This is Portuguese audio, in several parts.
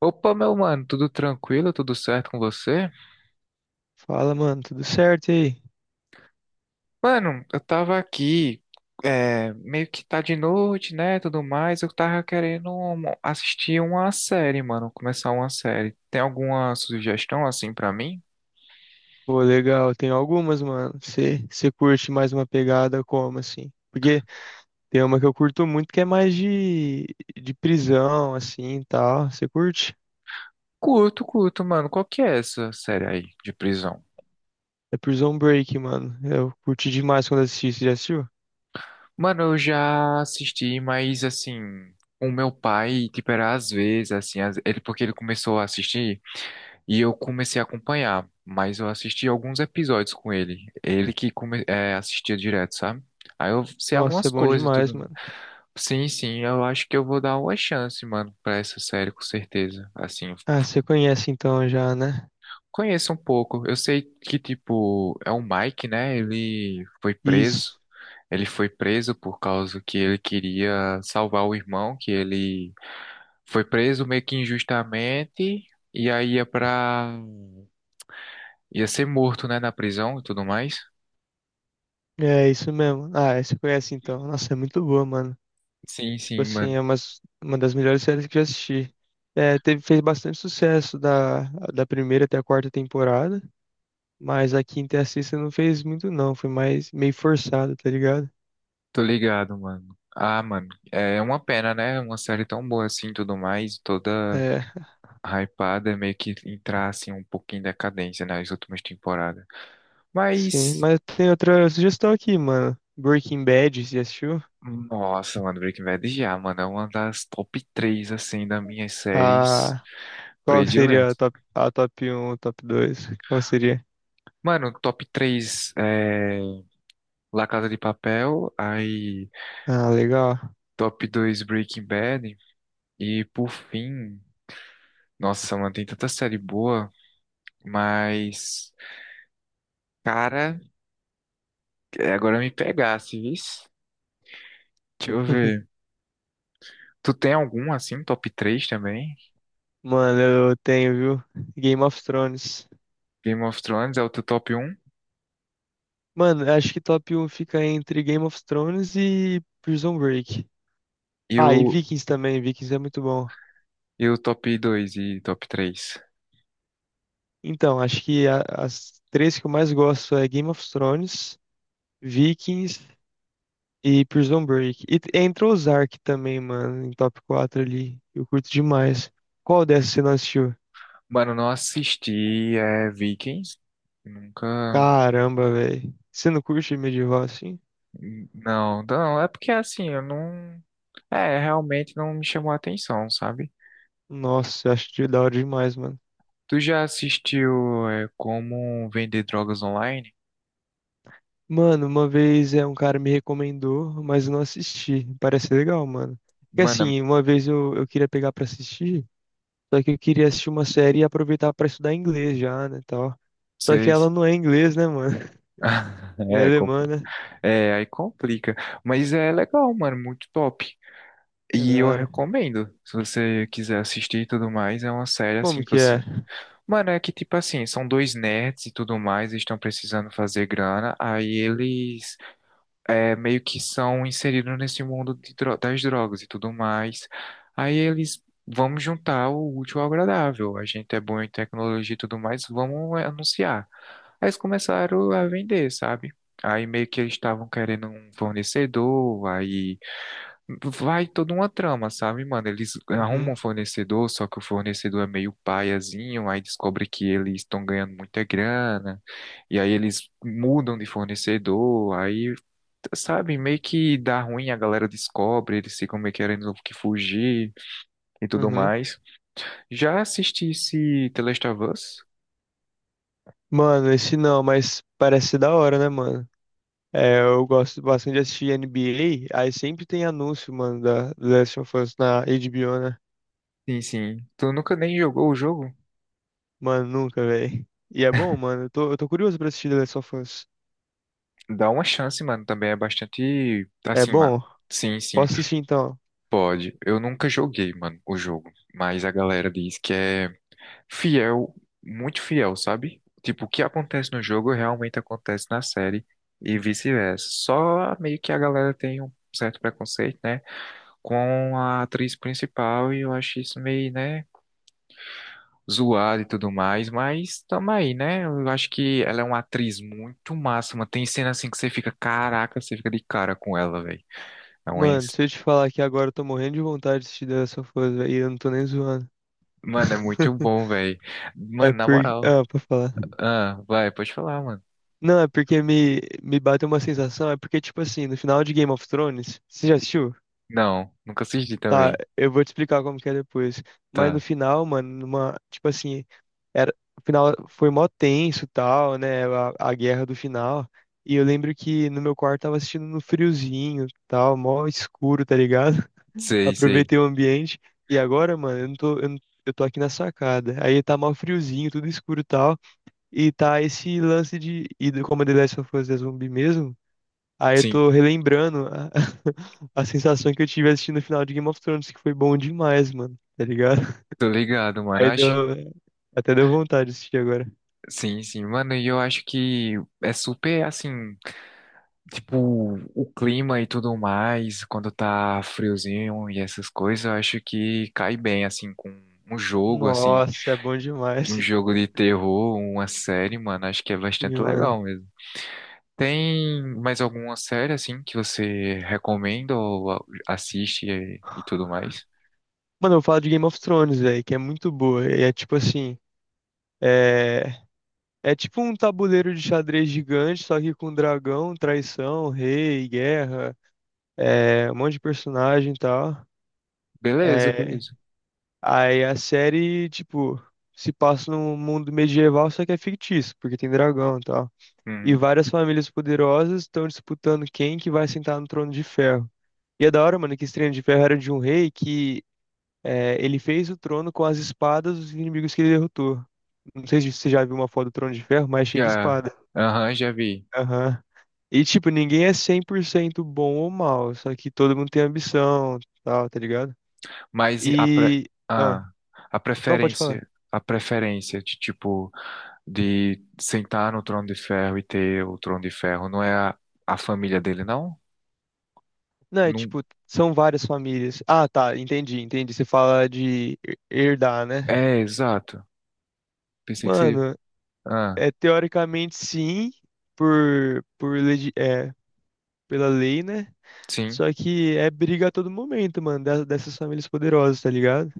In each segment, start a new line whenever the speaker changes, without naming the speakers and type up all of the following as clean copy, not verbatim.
Opa, meu mano, tudo tranquilo? Tudo certo com você?
Fala, mano, tudo certo e aí?
Mano, eu tava aqui, meio que tá de noite, né, tudo mais. Eu tava querendo assistir uma série, mano, começar uma série. Tem alguma sugestão assim pra mim?
Pô, legal, tem algumas, mano. Você curte mais uma pegada como assim? Porque tem uma que eu curto muito que é mais de prisão, assim, e tal. Você curte?
Curto, curto, mano. Qual que é essa série aí de prisão?
É Prison Break, mano. Eu curti demais quando assisti, você já assistiu?
Mano, eu já assisti, mas assim, o meu pai, tipo, era às vezes, assim, às- ele porque ele começou a assistir. E eu comecei a acompanhar, mas eu assisti alguns episódios com ele. Ele que assistia direto, sabe? Aí eu sei
Nossa,
algumas
é bom
coisas e
demais,
tudo.
mano.
Sim, sim, eu acho que eu vou dar uma chance, mano, pra essa série, com certeza. Assim,
Ah, você conhece então já, né?
conheço um pouco. Eu sei que, tipo, é o Mike, né? Ele foi preso.
Isso.
Ele foi preso por causa que ele queria salvar o irmão, que ele foi preso meio que injustamente. E aí ia ser morto, né, na prisão e tudo mais.
É, isso mesmo. Ah, você conhece então. Nossa, é muito boa, mano.
Sim,
Tipo
sim,
assim,
mano.
uma das melhores séries que já assisti. É, teve, fez bastante sucesso da primeira até a quarta temporada, mas a quinta e a sexta não fez muito não, foi mais meio forçado, tá ligado?
Tô ligado, mano. Ah, mano, é uma pena, né? Uma série tão boa assim, tudo mais, toda
É,
hypada, é meio que entrar assim um pouquinho em decadência nas últimas temporadas.
sim,
Mas,
mas tem outra sugestão aqui, mano. Breaking Bad, você já assistiu?
nossa, mano, Breaking Bad já, mano, é uma das top três assim, das minhas séries
Ah, qual que seria
prediletas.
a top um, top dois? Qual seria?
Mano, top três é La Casa de Papel, aí
Ah, legal.
top dois Breaking Bad, e por fim, nossa, mano, tem tanta série boa, mas. Cara, agora me pegasse, vis. Deixa eu ver. Tu tem algum assim, top 3 também?
Mano, eu tenho, viu? Game of Thrones.
Game of Thrones é o teu top um
Mano, eu acho que top um fica entre Game of Thrones e Prison Break.
e
Ah, e Vikings também, Vikings é muito bom.
e o top dois e top três.
Então, acho que as três que eu mais gosto é Game of Thrones, Vikings e Prison Break. E entra Ozark também, mano, em top 4 ali. Eu curto demais. Qual dessas você não assistiu?
Mano, não assisti Vikings. Nunca.
Caramba, velho. Você não curte medieval assim?
Não, não, é porque assim, eu não. É, realmente não me chamou a atenção, sabe?
Nossa, eu acho de da hora demais, mano.
Tu já assistiu Como Vender Drogas Online?
Mano, uma vez é um cara me recomendou, mas eu não assisti. Parece legal, mano. Porque
Mano, é,
assim, uma vez eu queria pegar pra assistir, só que eu queria assistir uma série e aproveitar pra estudar inglês já, né, tal. Só que ela
vocês.
não é inglês, né, mano? É alemã, né?
É, é, aí complica. Mas é legal, mano, muito top.
É
E
da
eu
hora.
recomendo, se você quiser assistir e tudo mais, é uma série
Como
assim que
que é?
você. Mano, é que tipo assim, são dois nerds e tudo mais, eles estão precisando fazer grana, aí eles meio que são inseridos nesse mundo de das drogas e tudo mais. Aí eles vamos juntar o útil ao agradável. A gente é bom em tecnologia e tudo mais, vamos anunciar. Aí eles começaram a vender, sabe? Aí meio que eles estavam querendo um fornecedor, aí vai toda uma trama, sabe, mano? Eles arrumam
Uhum,
um fornecedor, só que o fornecedor é meio paiazinho, aí descobre que eles estão ganhando muita grana, e aí eles mudam de fornecedor, aí sabe, meio que dá ruim, a galera descobre, eles ficam meio querendo que fugir e tudo
uhum.
mais. Já assisti esse The Last of Us?
Mano, esse não, mas parece ser da hora, né, mano? É, eu gosto bastante de assistir NBA, aí sempre tem anúncio, mano, da The Last of Us na HBO, né?
Sim, sim. Tu nunca nem jogou o jogo?
Mano, nunca, velho. E é bom, mano. Eu tô curioso pra assistir The Last of Us.
Dá uma chance, mano, também é bastante,
É
assim, ma-
bom?
sim, sim,
Posso assistir então?
pode. Eu nunca joguei, mano, o jogo, mas a galera diz que é fiel, muito fiel, sabe? Tipo, o que acontece no jogo realmente acontece na série e vice-versa. Só meio que a galera tem um certo preconceito, né, com a atriz principal, e eu acho isso meio, né, zoado e tudo mais, mas tamo aí, né? Eu acho que ela é uma atriz muito massa, mano. Tem cena assim que você fica, caraca, você fica de cara com ela, velho. É uma...
Mano,
ins-
se eu te falar que agora eu tô morrendo de vontade de assistir The Last of Us, velho, e eu não tô nem zoando.
Mano, é muito bom, velho.
É
Mano, na
porque.
moral.
Ah, pra falar.
Ah, vai, pode falar, mano.
Não, é porque me bateu uma sensação. É porque, tipo assim, no final de Game of Thrones. Você já assistiu?
Não, nunca assisti
Tá,
também.
eu vou te explicar como que é depois. Mas no
Tá,
final, mano, numa, tipo assim, era, o final foi mó tenso, tal, né? A guerra do final. E eu lembro que no meu quarto tava assistindo no friozinho, tal, mó escuro, tá ligado?
sei, sei.
Aproveitei o ambiente. E agora, mano, eu não tô, eu, não- eu tô aqui na sacada. Aí tá mó friozinho, tudo escuro, tal. E tá esse lance como a The Last of Us é zumbi mesmo. Aí eu
Sim,
tô relembrando a, a sensação que eu tive assistindo o final de Game of Thrones, que foi bom demais, mano. Tá ligado?
tô ligado, mano. Eu
Aí
acho.
deu, até deu vontade de assistir agora.
Sim, sim, mano, e eu acho que é super assim. Tipo, o clima e tudo mais, quando tá friozinho e essas coisas, eu acho que cai bem, assim, com um jogo, assim,
Nossa, é bom
um
demais.
jogo de terror, uma série, mano, acho que é
Sim,
bastante
mano.
legal mesmo. Tem mais alguma série, assim, que você recomenda ou assiste e tudo mais?
Mano, eu falo de Game of Thrones, velho, que é muito boa. E é tipo assim, é... é tipo um tabuleiro de xadrez gigante, só que com dragão, traição, rei, guerra, é... um monte de personagem e tal.
Beleza,
É,
beleza.
aí a série, tipo, se passa num mundo medieval, só que é fictício, porque tem dragão e tal. E
Uhum,
várias famílias poderosas estão disputando quem que vai sentar no trono de ferro. E é da hora, mano, que esse trono de ferro era de um rei que é, ele fez o trono com as espadas dos inimigos que ele derrotou. Não sei se você já viu uma foto do trono de ferro, mas é cheio de
já,
espada.
aham, já vi.
Aham. E, tipo, ninguém é 100% bom ou mal, só que todo mundo tem ambição, tal, tá ligado?
Mas a, pre...
E... Ah,
ah,
não, pode falar.
a preferência de, tipo... de sentar no trono de ferro e ter o trono de ferro. Não é a família dele, não?
Não, é
Não.
tipo, são várias famílias. Ah, tá, entendi, entendi. Você fala de herdar, né?
É, exato. Pensei que seria.
Mano,
Ah,
é teoricamente sim, por pela lei, né?
sim,
Só que é briga a todo momento, mano, dessas famílias poderosas, tá ligado?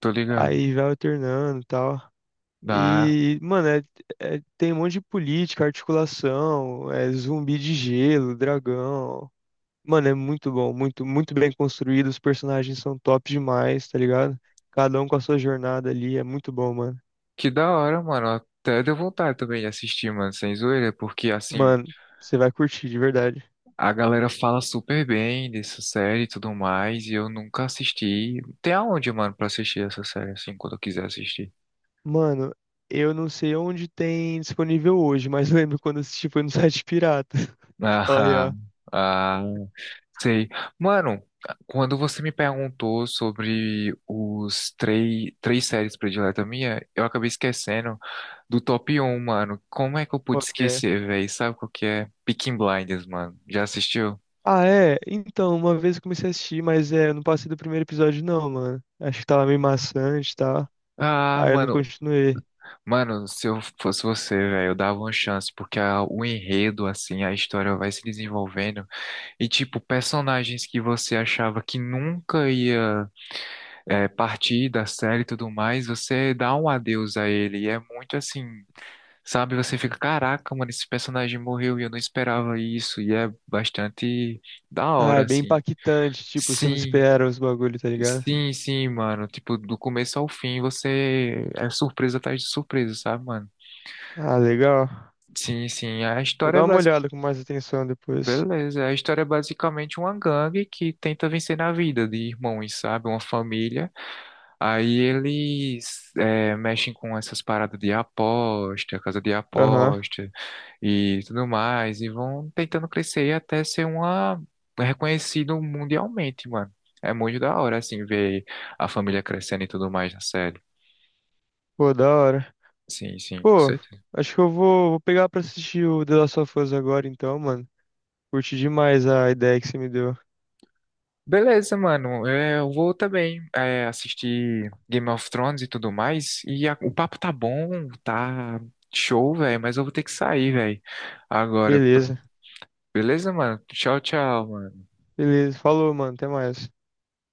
tô ligado.
Aí vai alternando e tal.
Ah,
E, mano, tem um monte de política, articulação, é zumbi de gelo, dragão. Mano, é muito bom, muito, bem construído. Os personagens são top demais, tá ligado? Cada um com a sua jornada ali, é muito bom, mano.
que da hora, mano. Até deu vontade também de assistir, mano, sem zoeira, porque assim,
Mano, você vai curtir, de verdade.
a galera fala super bem dessa série e tudo mais, e eu nunca assisti. Tem aonde, mano, pra assistir essa série, assim, quando eu quiser assistir?
Mano, eu não sei onde tem disponível hoje, mas eu lembro quando eu assisti foi no site pirata. Tipo, aí,
Ah,
ó.
ah, sei. Mano, quando você me perguntou sobre três séries prediletas minha, eu acabei esquecendo do top um mano. Como é que eu pude
Qual que é?
esquecer, velho? Sabe qual que é? Peaky Blinders, mano. Já assistiu?
Ah, é? Então, uma vez eu comecei a assistir, mas é, eu não passei do primeiro episódio, não, mano. Acho que tava meio maçante e tal.
Ah,
Aí eu não continuei.
mano, se eu fosse você, velho, eu dava uma chance, porque o enredo, assim, a história vai se desenvolvendo, e tipo, personagens que você achava que nunca ia partida, série e tudo mais, você dá um adeus a ele. E é muito assim, sabe? Você fica, caraca, mano, esse personagem morreu e eu não esperava isso. E é bastante da
Ah, é
hora,
bem
assim.
impactante, tipo, você não
Sim,
espera os bagulhos, tá ligado?
sim, sim, mano. Tipo, do começo ao fim, você é surpresa atrás de surpresa, sabe, mano?
Ah, legal.
Sim, sim. A
Vou
história é
dar uma
basi-
olhada com mais atenção depois.
Beleza, a história é basicamente uma gangue que tenta vencer na vida de irmãos, sabe? Uma família. Aí eles mexem com essas paradas de aposta, casa de
Aham.
aposta e tudo mais, e vão tentando crescer até ser uma reconhecido mundialmente, mano. É muito da hora, assim, ver a família crescendo e tudo mais na série.
Pô, da hora.
Sim, sim, com
Pô,
certeza.
acho que vou pegar pra assistir o The Last of Us agora então, mano. Curti demais a ideia que você me deu.
Beleza, mano. Eu vou também assistir Game of Thrones e tudo mais. E o papo tá bom, tá show, velho, mas eu vou ter que sair, velho, agora.
Beleza,
Beleza, mano? Tchau, tchau, mano.
beleza. Falou, mano. Até mais.